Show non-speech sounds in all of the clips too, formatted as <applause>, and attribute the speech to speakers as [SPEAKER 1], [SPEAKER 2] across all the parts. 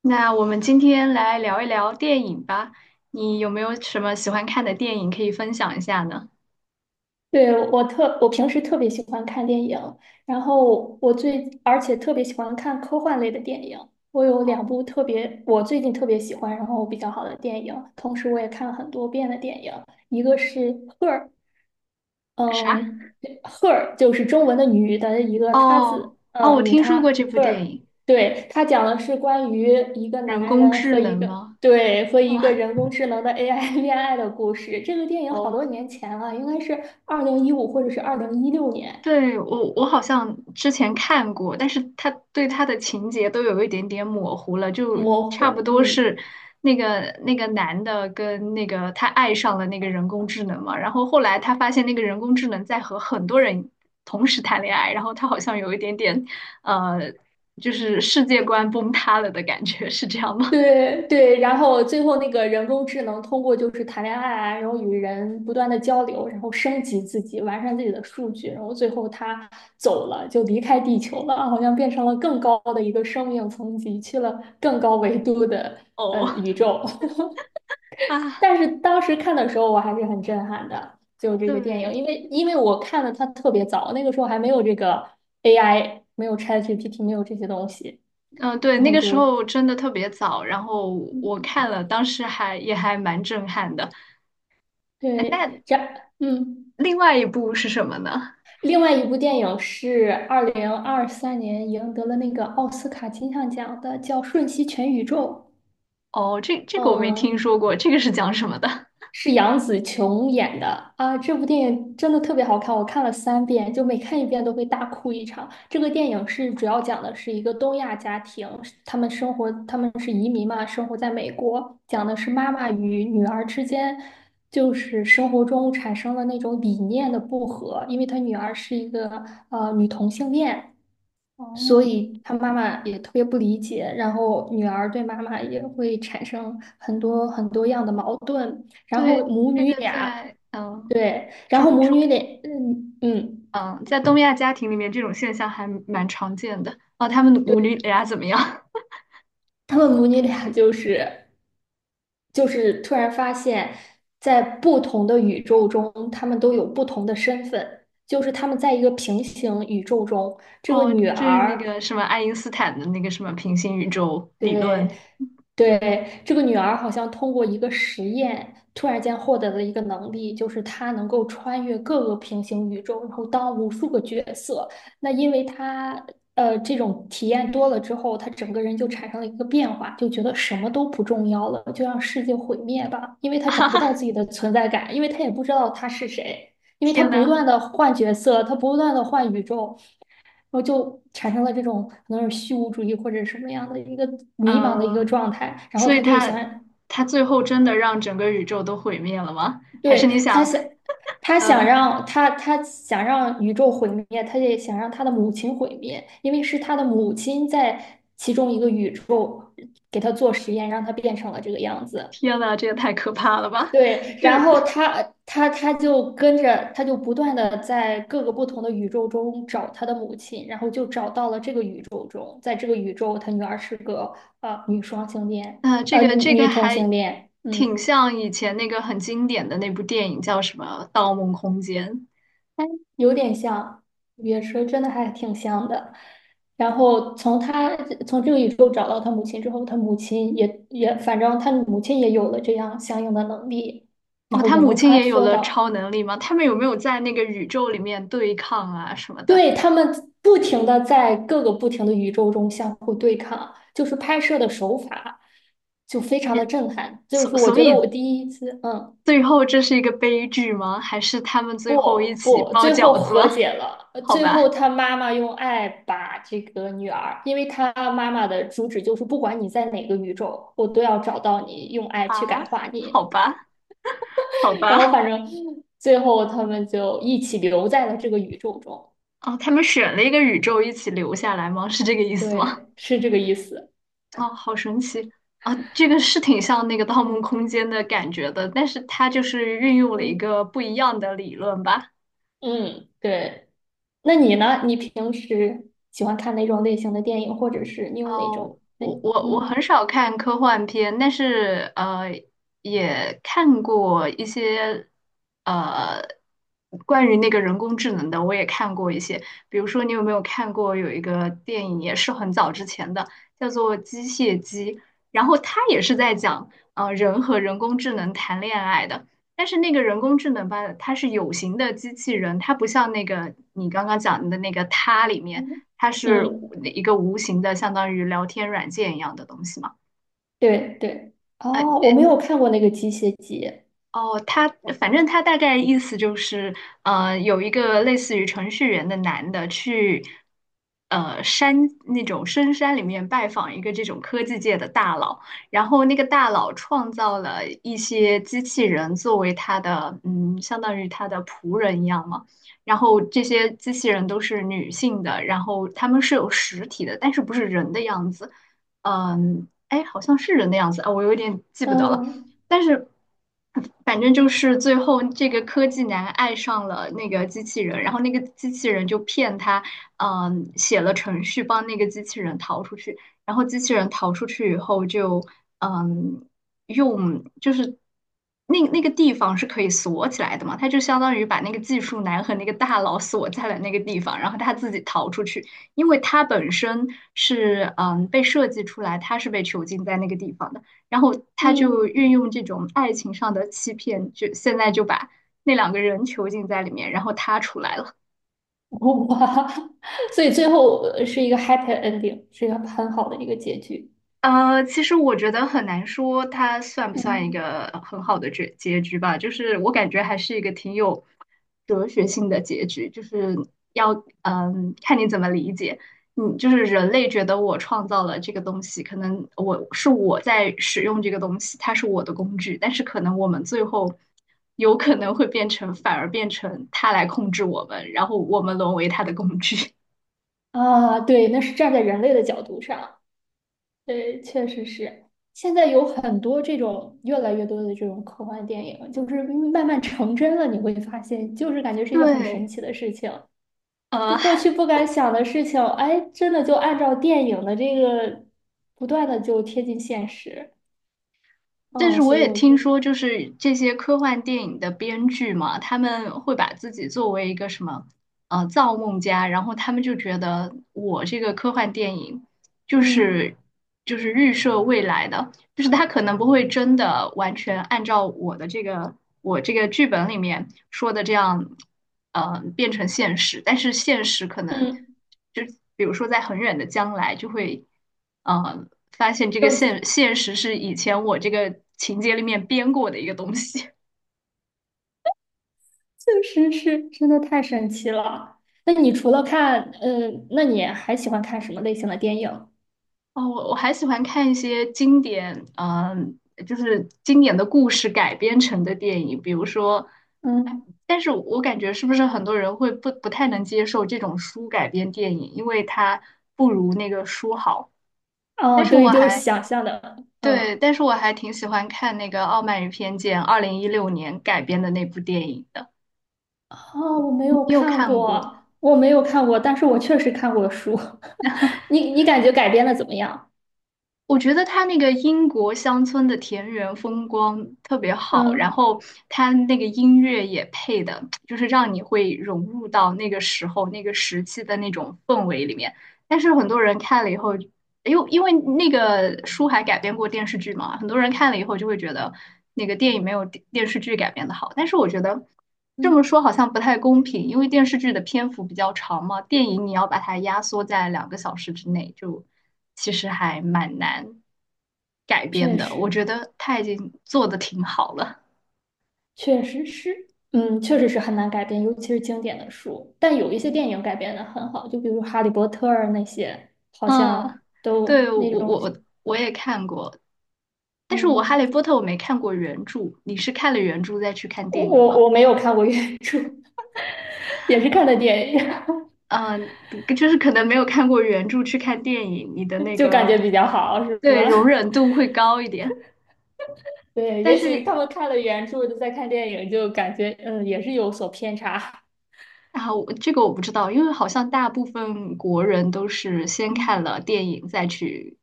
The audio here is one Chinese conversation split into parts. [SPEAKER 1] 那我们今天来聊一聊电影吧。你有没有什么喜欢看的电影可以分享一下呢？
[SPEAKER 2] 对，我平时特别喜欢看电影，然后我最，而且特别喜欢看科幻类的电影。我有两部
[SPEAKER 1] 哦，
[SPEAKER 2] 特别，我最近特别喜欢，然后比较好的电影，同时我也看了很多遍的电影，一个是《Her》，
[SPEAKER 1] 啥？
[SPEAKER 2] 嗯，her 就是中文的女的一个她
[SPEAKER 1] 哦
[SPEAKER 2] 字，
[SPEAKER 1] 哦，我
[SPEAKER 2] 女
[SPEAKER 1] 听说过
[SPEAKER 2] 她
[SPEAKER 1] 这部电
[SPEAKER 2] her,
[SPEAKER 1] 影，
[SPEAKER 2] 对，它讲的是关于一个
[SPEAKER 1] 人
[SPEAKER 2] 男
[SPEAKER 1] 工
[SPEAKER 2] 人
[SPEAKER 1] 智
[SPEAKER 2] 和
[SPEAKER 1] 能吗？<laughs>
[SPEAKER 2] 一个
[SPEAKER 1] 啊，
[SPEAKER 2] 人工智能的 AI <laughs> 恋爱的故事。这个电影好多
[SPEAKER 1] 哦。
[SPEAKER 2] 年前了，应该是2015或者是2016年，
[SPEAKER 1] 对，我好像之前看过，但是他的情节都有一点点模糊了，就
[SPEAKER 2] 模
[SPEAKER 1] 差不
[SPEAKER 2] 糊，
[SPEAKER 1] 多
[SPEAKER 2] 嗯。
[SPEAKER 1] 是那个那个男的跟那个他爱上了那个人工智能嘛，然后后来他发现那个人工智能在和很多人同时谈恋爱，然后他好像有一点点呃，就是世界观崩塌了的感觉，是这样吗？
[SPEAKER 2] 对对，然后最后那个人工智能通过就是谈恋爱啊，然后与人不断的交流，然后升级自己，完善自己的数据，然后最后他走了，就离开地球了，好像变成了更高的一个生命层级，去了更高维度的
[SPEAKER 1] <laughs> 哦
[SPEAKER 2] 宇宙。<laughs>
[SPEAKER 1] 啊。
[SPEAKER 2] 但是当时看的时候，我还是很震撼的，就这个电
[SPEAKER 1] 对，
[SPEAKER 2] 影，因为我看的它特别早，那个时候还没有这个 AI,没有 ChatGPT,没有这些东西，
[SPEAKER 1] 嗯，对，
[SPEAKER 2] 然
[SPEAKER 1] 那
[SPEAKER 2] 后
[SPEAKER 1] 个时候真的特别早，然后我
[SPEAKER 2] 嗯
[SPEAKER 1] 看了，当时也还蛮震撼的。哎，
[SPEAKER 2] 对，
[SPEAKER 1] 那
[SPEAKER 2] 这样嗯。
[SPEAKER 1] 另外一部是什么呢？
[SPEAKER 2] 另外一部电影是2023年赢得了那个奥斯卡金像奖的，叫《瞬息全宇宙》。
[SPEAKER 1] 哦，这个我没听
[SPEAKER 2] 嗯，
[SPEAKER 1] 说过，这个是讲什么的？
[SPEAKER 2] 是杨紫琼演的啊。这部电影真的特别好看，我看了3遍，就每看一遍都会大哭一场。这个电影主要讲的是一个东亚家庭，他们生活，他们是移民嘛，生活在美国，讲的是妈妈与女儿之间。就是生活中产生了那种理念的不合，因为她女儿是一个女同性恋，
[SPEAKER 1] 哦，
[SPEAKER 2] 所以他妈妈也特别不理解，然后女儿对妈妈也会产生很多很多样的矛盾，然后
[SPEAKER 1] 对，
[SPEAKER 2] 母
[SPEAKER 1] 这
[SPEAKER 2] 女
[SPEAKER 1] 个
[SPEAKER 2] 俩，
[SPEAKER 1] 在嗯
[SPEAKER 2] 对，然后
[SPEAKER 1] 中
[SPEAKER 2] 母
[SPEAKER 1] 中
[SPEAKER 2] 女俩，嗯嗯，
[SPEAKER 1] 嗯在东亚家庭里面，这种现象还蛮常见的。哦，他们母女
[SPEAKER 2] 对，
[SPEAKER 1] 俩怎么样？<laughs>
[SPEAKER 2] 他们母女俩就是突然发现，在不同的宇宙中，他们都有不同的身份，就是他们在一个平行宇宙中，这个
[SPEAKER 1] 哦，
[SPEAKER 2] 女
[SPEAKER 1] 就是那
[SPEAKER 2] 儿。
[SPEAKER 1] 个什么爱因斯坦的那个什么平行宇宙理
[SPEAKER 2] 对，
[SPEAKER 1] 论。
[SPEAKER 2] 对，这个女儿好像通过一个实验，突然间获得了一个能力，就是她能够穿越各个平行宇宙，然后当无数个角色。那因为她这种体验多了之后，她整个人就产生了一个变化，就觉得什么都不重要了，就让世界毁灭吧，因为她找不到自己的存在感，因为她也不知道她是谁，因为她
[SPEAKER 1] 天
[SPEAKER 2] 不
[SPEAKER 1] 呐，
[SPEAKER 2] 断的换角色，她不断的换宇宙。然后就产生了这种可能是虚无主义或者什么样的一个迷茫的一个
[SPEAKER 1] 嗯，
[SPEAKER 2] 状态，然后
[SPEAKER 1] 所以
[SPEAKER 2] 他就
[SPEAKER 1] 他
[SPEAKER 2] 想，
[SPEAKER 1] 他最后真的让整个宇宙都毁灭了吗？还是你
[SPEAKER 2] 对，他
[SPEAKER 1] 想，
[SPEAKER 2] 想，他想
[SPEAKER 1] 嗯、
[SPEAKER 2] 让他他想让宇宙毁灭，他也想让他的母亲毁灭，因为是他的母亲在其中一个宇宙给他做实验，让他变成了这个样子。
[SPEAKER 1] 天呐，这也太可怕了吧！
[SPEAKER 2] 对，
[SPEAKER 1] 就
[SPEAKER 2] 然后他就跟着，他就不断的在各个不同的宇宙中找他的母亲，然后就找到了这个宇宙中，在这个宇宙，他女儿是个呃女双性恋，
[SPEAKER 1] 啊，这
[SPEAKER 2] 女
[SPEAKER 1] 个这个
[SPEAKER 2] 女同
[SPEAKER 1] 还
[SPEAKER 2] 性恋，
[SPEAKER 1] 挺
[SPEAKER 2] 嗯，
[SPEAKER 1] 像以前那个很经典的那部电影，叫什么《盗梦空间》。
[SPEAKER 2] 有点像也是真的还挺像的。然后从这个宇宙找到他母亲之后，他母亲也也反正他母亲也有了这样相应的能力，然
[SPEAKER 1] 哦，
[SPEAKER 2] 后
[SPEAKER 1] 他
[SPEAKER 2] 也
[SPEAKER 1] 母
[SPEAKER 2] 能
[SPEAKER 1] 亲
[SPEAKER 2] 穿
[SPEAKER 1] 也有
[SPEAKER 2] 梭
[SPEAKER 1] 了
[SPEAKER 2] 到。
[SPEAKER 1] 超能力吗？他们有没有在那个宇宙里面对抗啊什么的？
[SPEAKER 2] 对，他们不停的在各个不停的宇宙中相互对抗，就是拍摄的手法就非常的
[SPEAKER 1] 也
[SPEAKER 2] 震撼。就是
[SPEAKER 1] 所
[SPEAKER 2] 我
[SPEAKER 1] 所
[SPEAKER 2] 觉得我
[SPEAKER 1] 以
[SPEAKER 2] 第一次，嗯，
[SPEAKER 1] 最后这是一个悲剧吗？还是他们最后
[SPEAKER 2] 不
[SPEAKER 1] 一起
[SPEAKER 2] 不，
[SPEAKER 1] 包
[SPEAKER 2] 最后
[SPEAKER 1] 饺子
[SPEAKER 2] 和
[SPEAKER 1] 了？
[SPEAKER 2] 解了。
[SPEAKER 1] <laughs> 好
[SPEAKER 2] 最后
[SPEAKER 1] 吧，
[SPEAKER 2] 他妈妈用爱把这个女儿，因为他妈妈的主旨就是不管你在哪个宇宙，我都要找到你，用爱去
[SPEAKER 1] 啊，
[SPEAKER 2] 感化
[SPEAKER 1] 好
[SPEAKER 2] 你。
[SPEAKER 1] 吧，好
[SPEAKER 2] <laughs> 然后
[SPEAKER 1] 吧。
[SPEAKER 2] 反正最后他们就一起留在了这个宇宙中。
[SPEAKER 1] 哦，他们选了一个宇宙一起留下来吗？是这个意思吗？
[SPEAKER 2] 对，是这个意思。
[SPEAKER 1] 哦，好神奇啊！这个是挺像那个《盗梦空间》的感觉的，但是它就是运用了一
[SPEAKER 2] 嗯
[SPEAKER 1] 个不一样的理论吧。
[SPEAKER 2] 嗯，对。那你呢？你平时喜欢看哪种类型的电影，或者是你有哪
[SPEAKER 1] 哦，
[SPEAKER 2] 种类？
[SPEAKER 1] 我很
[SPEAKER 2] 嗯
[SPEAKER 1] 少看科幻片，但是也看过一些呃关于那个人工智能的，我也看过一些。比如说，你有没有看过有一个电影，也是很早之前的，叫做《机械姬》，然后它也是在讲人和人工智能谈恋爱的。但是那个人工智能吧，它是有形的机器人，它不像那个你刚刚讲的那个它里面。
[SPEAKER 2] 嗯
[SPEAKER 1] 它是
[SPEAKER 2] 嗯，
[SPEAKER 1] 一个无形的，相当于聊天软件一样的东西嘛。
[SPEAKER 2] 对对。哦，我没有看过那个《机械姬》。
[SPEAKER 1] 哦，他反正他大概意思就是，有一个类似于程序员的男的去，呃，山那种深山里面拜访一个这种科技界的大佬，然后那个大佬创造了一些机器人作为他的，嗯，相当于他的仆人一样嘛。然后这些机器人都是女性的，然后他们是有实体的，但是不是人的样子，嗯，哎，好像是人的样子啊，我有点记不得了。
[SPEAKER 2] 嗯
[SPEAKER 1] 但是反正就是最后这个科技男爱上了那个机器人，然后那个机器人就骗他，写了程序帮那个机器人逃出去，然后机器人逃出去以后就，嗯，就是那个地方是可以锁起来的嘛，他就相当于把那个技术男和那个大佬锁在了那个地方，然后他自己逃出去，因为他本身是被设计出来，他是被囚禁在那个地方的。然后他就
[SPEAKER 2] 嗯，
[SPEAKER 1] 运用这种爱情上的欺骗，就现在就把那两个人囚禁在里面，然后他出来了。
[SPEAKER 2] 哇，<laughs> 所以最后是一个 happy ending,是一个很好的一个结局。
[SPEAKER 1] 其实我觉得很难说它算不算一
[SPEAKER 2] 嗯
[SPEAKER 1] 个很好的结局吧，就是我感觉还是一个挺有哲学性的结局，就是要看你怎么理解。嗯，就是人类觉得我创造了这个东西，可能我在使用这个东西，它是我的工具，但是可能我们最后有可能会变成，反而变成它来控制我们，然后我们沦为它的工具。
[SPEAKER 2] 对，那是站在人类的角度上。对，确实是。现在有很多这种越来越多的这种科幻电影，就是慢慢成真了，你会发现，就是感觉
[SPEAKER 1] <laughs>
[SPEAKER 2] 是一个很神
[SPEAKER 1] 对，
[SPEAKER 2] 奇的事情。
[SPEAKER 1] 呃。
[SPEAKER 2] 就过去不敢想的事情，哎，真的就按照电影的这个不断的就贴近现实。
[SPEAKER 1] 但是
[SPEAKER 2] 哦，
[SPEAKER 1] 我
[SPEAKER 2] 所以
[SPEAKER 1] 也
[SPEAKER 2] 我
[SPEAKER 1] 听
[SPEAKER 2] 就，
[SPEAKER 1] 说，就是这些科幻电影的编剧嘛，他们会把自己作为一个什么，造梦家，然后他们就觉得我这个科幻电影就
[SPEAKER 2] 嗯
[SPEAKER 1] 是就是预设未来的，就是他可能不会真的完全按照我这个剧本里面说的这样，变成现实，但是现实可能
[SPEAKER 2] 嗯，
[SPEAKER 1] 就比如说在很远的将来就会，呃，发现这个现实是以前我这个情节里面编过的一个东西。
[SPEAKER 2] 确实是真的太神奇了。那你除了看，嗯，那你还喜欢看什么类型的电影？
[SPEAKER 1] 哦，我还喜欢看一些经典，就是经典的故事改编成的电影，比如说，哎
[SPEAKER 2] 嗯，
[SPEAKER 1] 但是我感觉是不是很多人会不太能接受这种书改编电影，因为它不如那个书好。但
[SPEAKER 2] 哦，
[SPEAKER 1] 是我
[SPEAKER 2] 对，就是
[SPEAKER 1] 还
[SPEAKER 2] 想象的，
[SPEAKER 1] 对，
[SPEAKER 2] 嗯。
[SPEAKER 1] 但是我还挺喜欢看那个《傲慢与偏见》，2016年改编的那部电影的，
[SPEAKER 2] 哦，我没
[SPEAKER 1] 你
[SPEAKER 2] 有
[SPEAKER 1] 有
[SPEAKER 2] 看
[SPEAKER 1] 看过？
[SPEAKER 2] 过，我没有看过，但是我确实看过书。<laughs> 你你感觉改编的怎么样？
[SPEAKER 1] 我觉得他那个英国乡村的田园风光特别好，然
[SPEAKER 2] 嗯
[SPEAKER 1] 后他那个音乐也配的，就是让你会融入到那个时候、那个时期的那种氛围里面。但是很多人看了以后因为那个书还改编过电视剧嘛，很多人看了以后就会觉得那个电影没有电视剧改编的好。但是我觉得这么
[SPEAKER 2] 嗯，
[SPEAKER 1] 说好像不太公平，因为电视剧的篇幅比较长嘛，电影你要把它压缩在2个小时之内，就其实还蛮难改编
[SPEAKER 2] 确
[SPEAKER 1] 的。我
[SPEAKER 2] 实
[SPEAKER 1] 觉得他已经做的挺好了。
[SPEAKER 2] 确实是，嗯，确实是很难改编，尤其是经典的书。但有一些电影改编的很好，就比如《哈利波特》那些，好像
[SPEAKER 1] 嗯，
[SPEAKER 2] 都
[SPEAKER 1] 对，我
[SPEAKER 2] 那
[SPEAKER 1] 我
[SPEAKER 2] 种，
[SPEAKER 1] 我我也看过，但是我
[SPEAKER 2] 嗯，
[SPEAKER 1] 《哈利波特》我没看过原著，你是看了原著再去看
[SPEAKER 2] 我
[SPEAKER 1] 电影
[SPEAKER 2] 我
[SPEAKER 1] 吗？
[SPEAKER 2] 我没有看过原著，<laughs> 也是看的电影，
[SPEAKER 1] 嗯，就是可能没有看过原著去看电影，你的那
[SPEAKER 2] <laughs> 就感
[SPEAKER 1] 个
[SPEAKER 2] 觉比较好，是
[SPEAKER 1] 对
[SPEAKER 2] 吧？
[SPEAKER 1] 容忍度会高一点。
[SPEAKER 2] <laughs> 对，
[SPEAKER 1] 但
[SPEAKER 2] 也许
[SPEAKER 1] 是
[SPEAKER 2] 他们看了原著，再看电影，就感觉嗯，也是有所偏差。
[SPEAKER 1] 啊，我这个我不知道，因为好像大部分国人都是先看
[SPEAKER 2] 嗯，
[SPEAKER 1] 了电影再去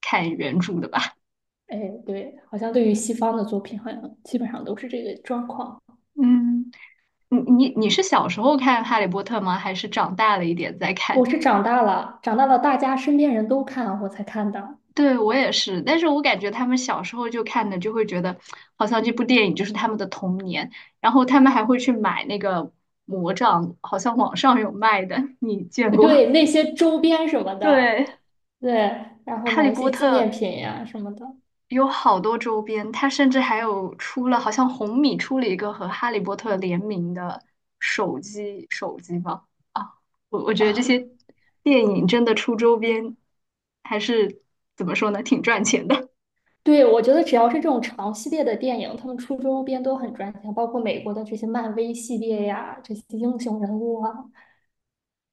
[SPEAKER 1] 看原著的吧？
[SPEAKER 2] 哎，对，好像对于西方的作品，好像基本上都是这个状况。
[SPEAKER 1] 嗯，你是小时候看《哈利波特》吗？还是长大了一点再
[SPEAKER 2] 我
[SPEAKER 1] 看？
[SPEAKER 2] 是长大了，大家身边人都看，我才看的。
[SPEAKER 1] 对，我也是，但是我感觉他们小时候就看的，就会觉得好像这部电影就是他们的童年，然后他们还会去买那个魔杖，好像网上有卖的，你见过？
[SPEAKER 2] 对，那些周边什么
[SPEAKER 1] <laughs>
[SPEAKER 2] 的，
[SPEAKER 1] 对，
[SPEAKER 2] 对，然后
[SPEAKER 1] 《哈利
[SPEAKER 2] 买一些
[SPEAKER 1] 波
[SPEAKER 2] 纪
[SPEAKER 1] 特》
[SPEAKER 2] 念品呀、什么的
[SPEAKER 1] 有好多周边，它甚至还有出了，好像红米出了一个和《哈利波特》联名的手机，手机吧？啊，我觉得这些
[SPEAKER 2] 啊。
[SPEAKER 1] 电影真的出周边，还是怎么说呢，挺赚钱的。
[SPEAKER 2] 对，我觉得只要是这种长系列的电影，他们出周边都很赚钱，包括美国的这些漫威系列呀，这些英雄人物啊，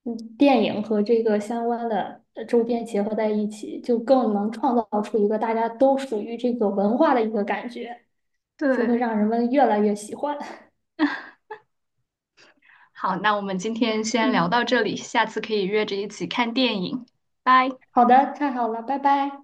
[SPEAKER 2] 嗯，电影和这个相关的周边结合在一起，就更能创造出一个大家都属于这个文化的一个感觉，
[SPEAKER 1] <laughs>
[SPEAKER 2] 就会
[SPEAKER 1] 对。
[SPEAKER 2] 让人们越来越喜欢。
[SPEAKER 1] 好，那我们今天先聊
[SPEAKER 2] 嗯，
[SPEAKER 1] 到这里，下次可以约着一起看电影，拜。
[SPEAKER 2] 好的，太好了，拜拜。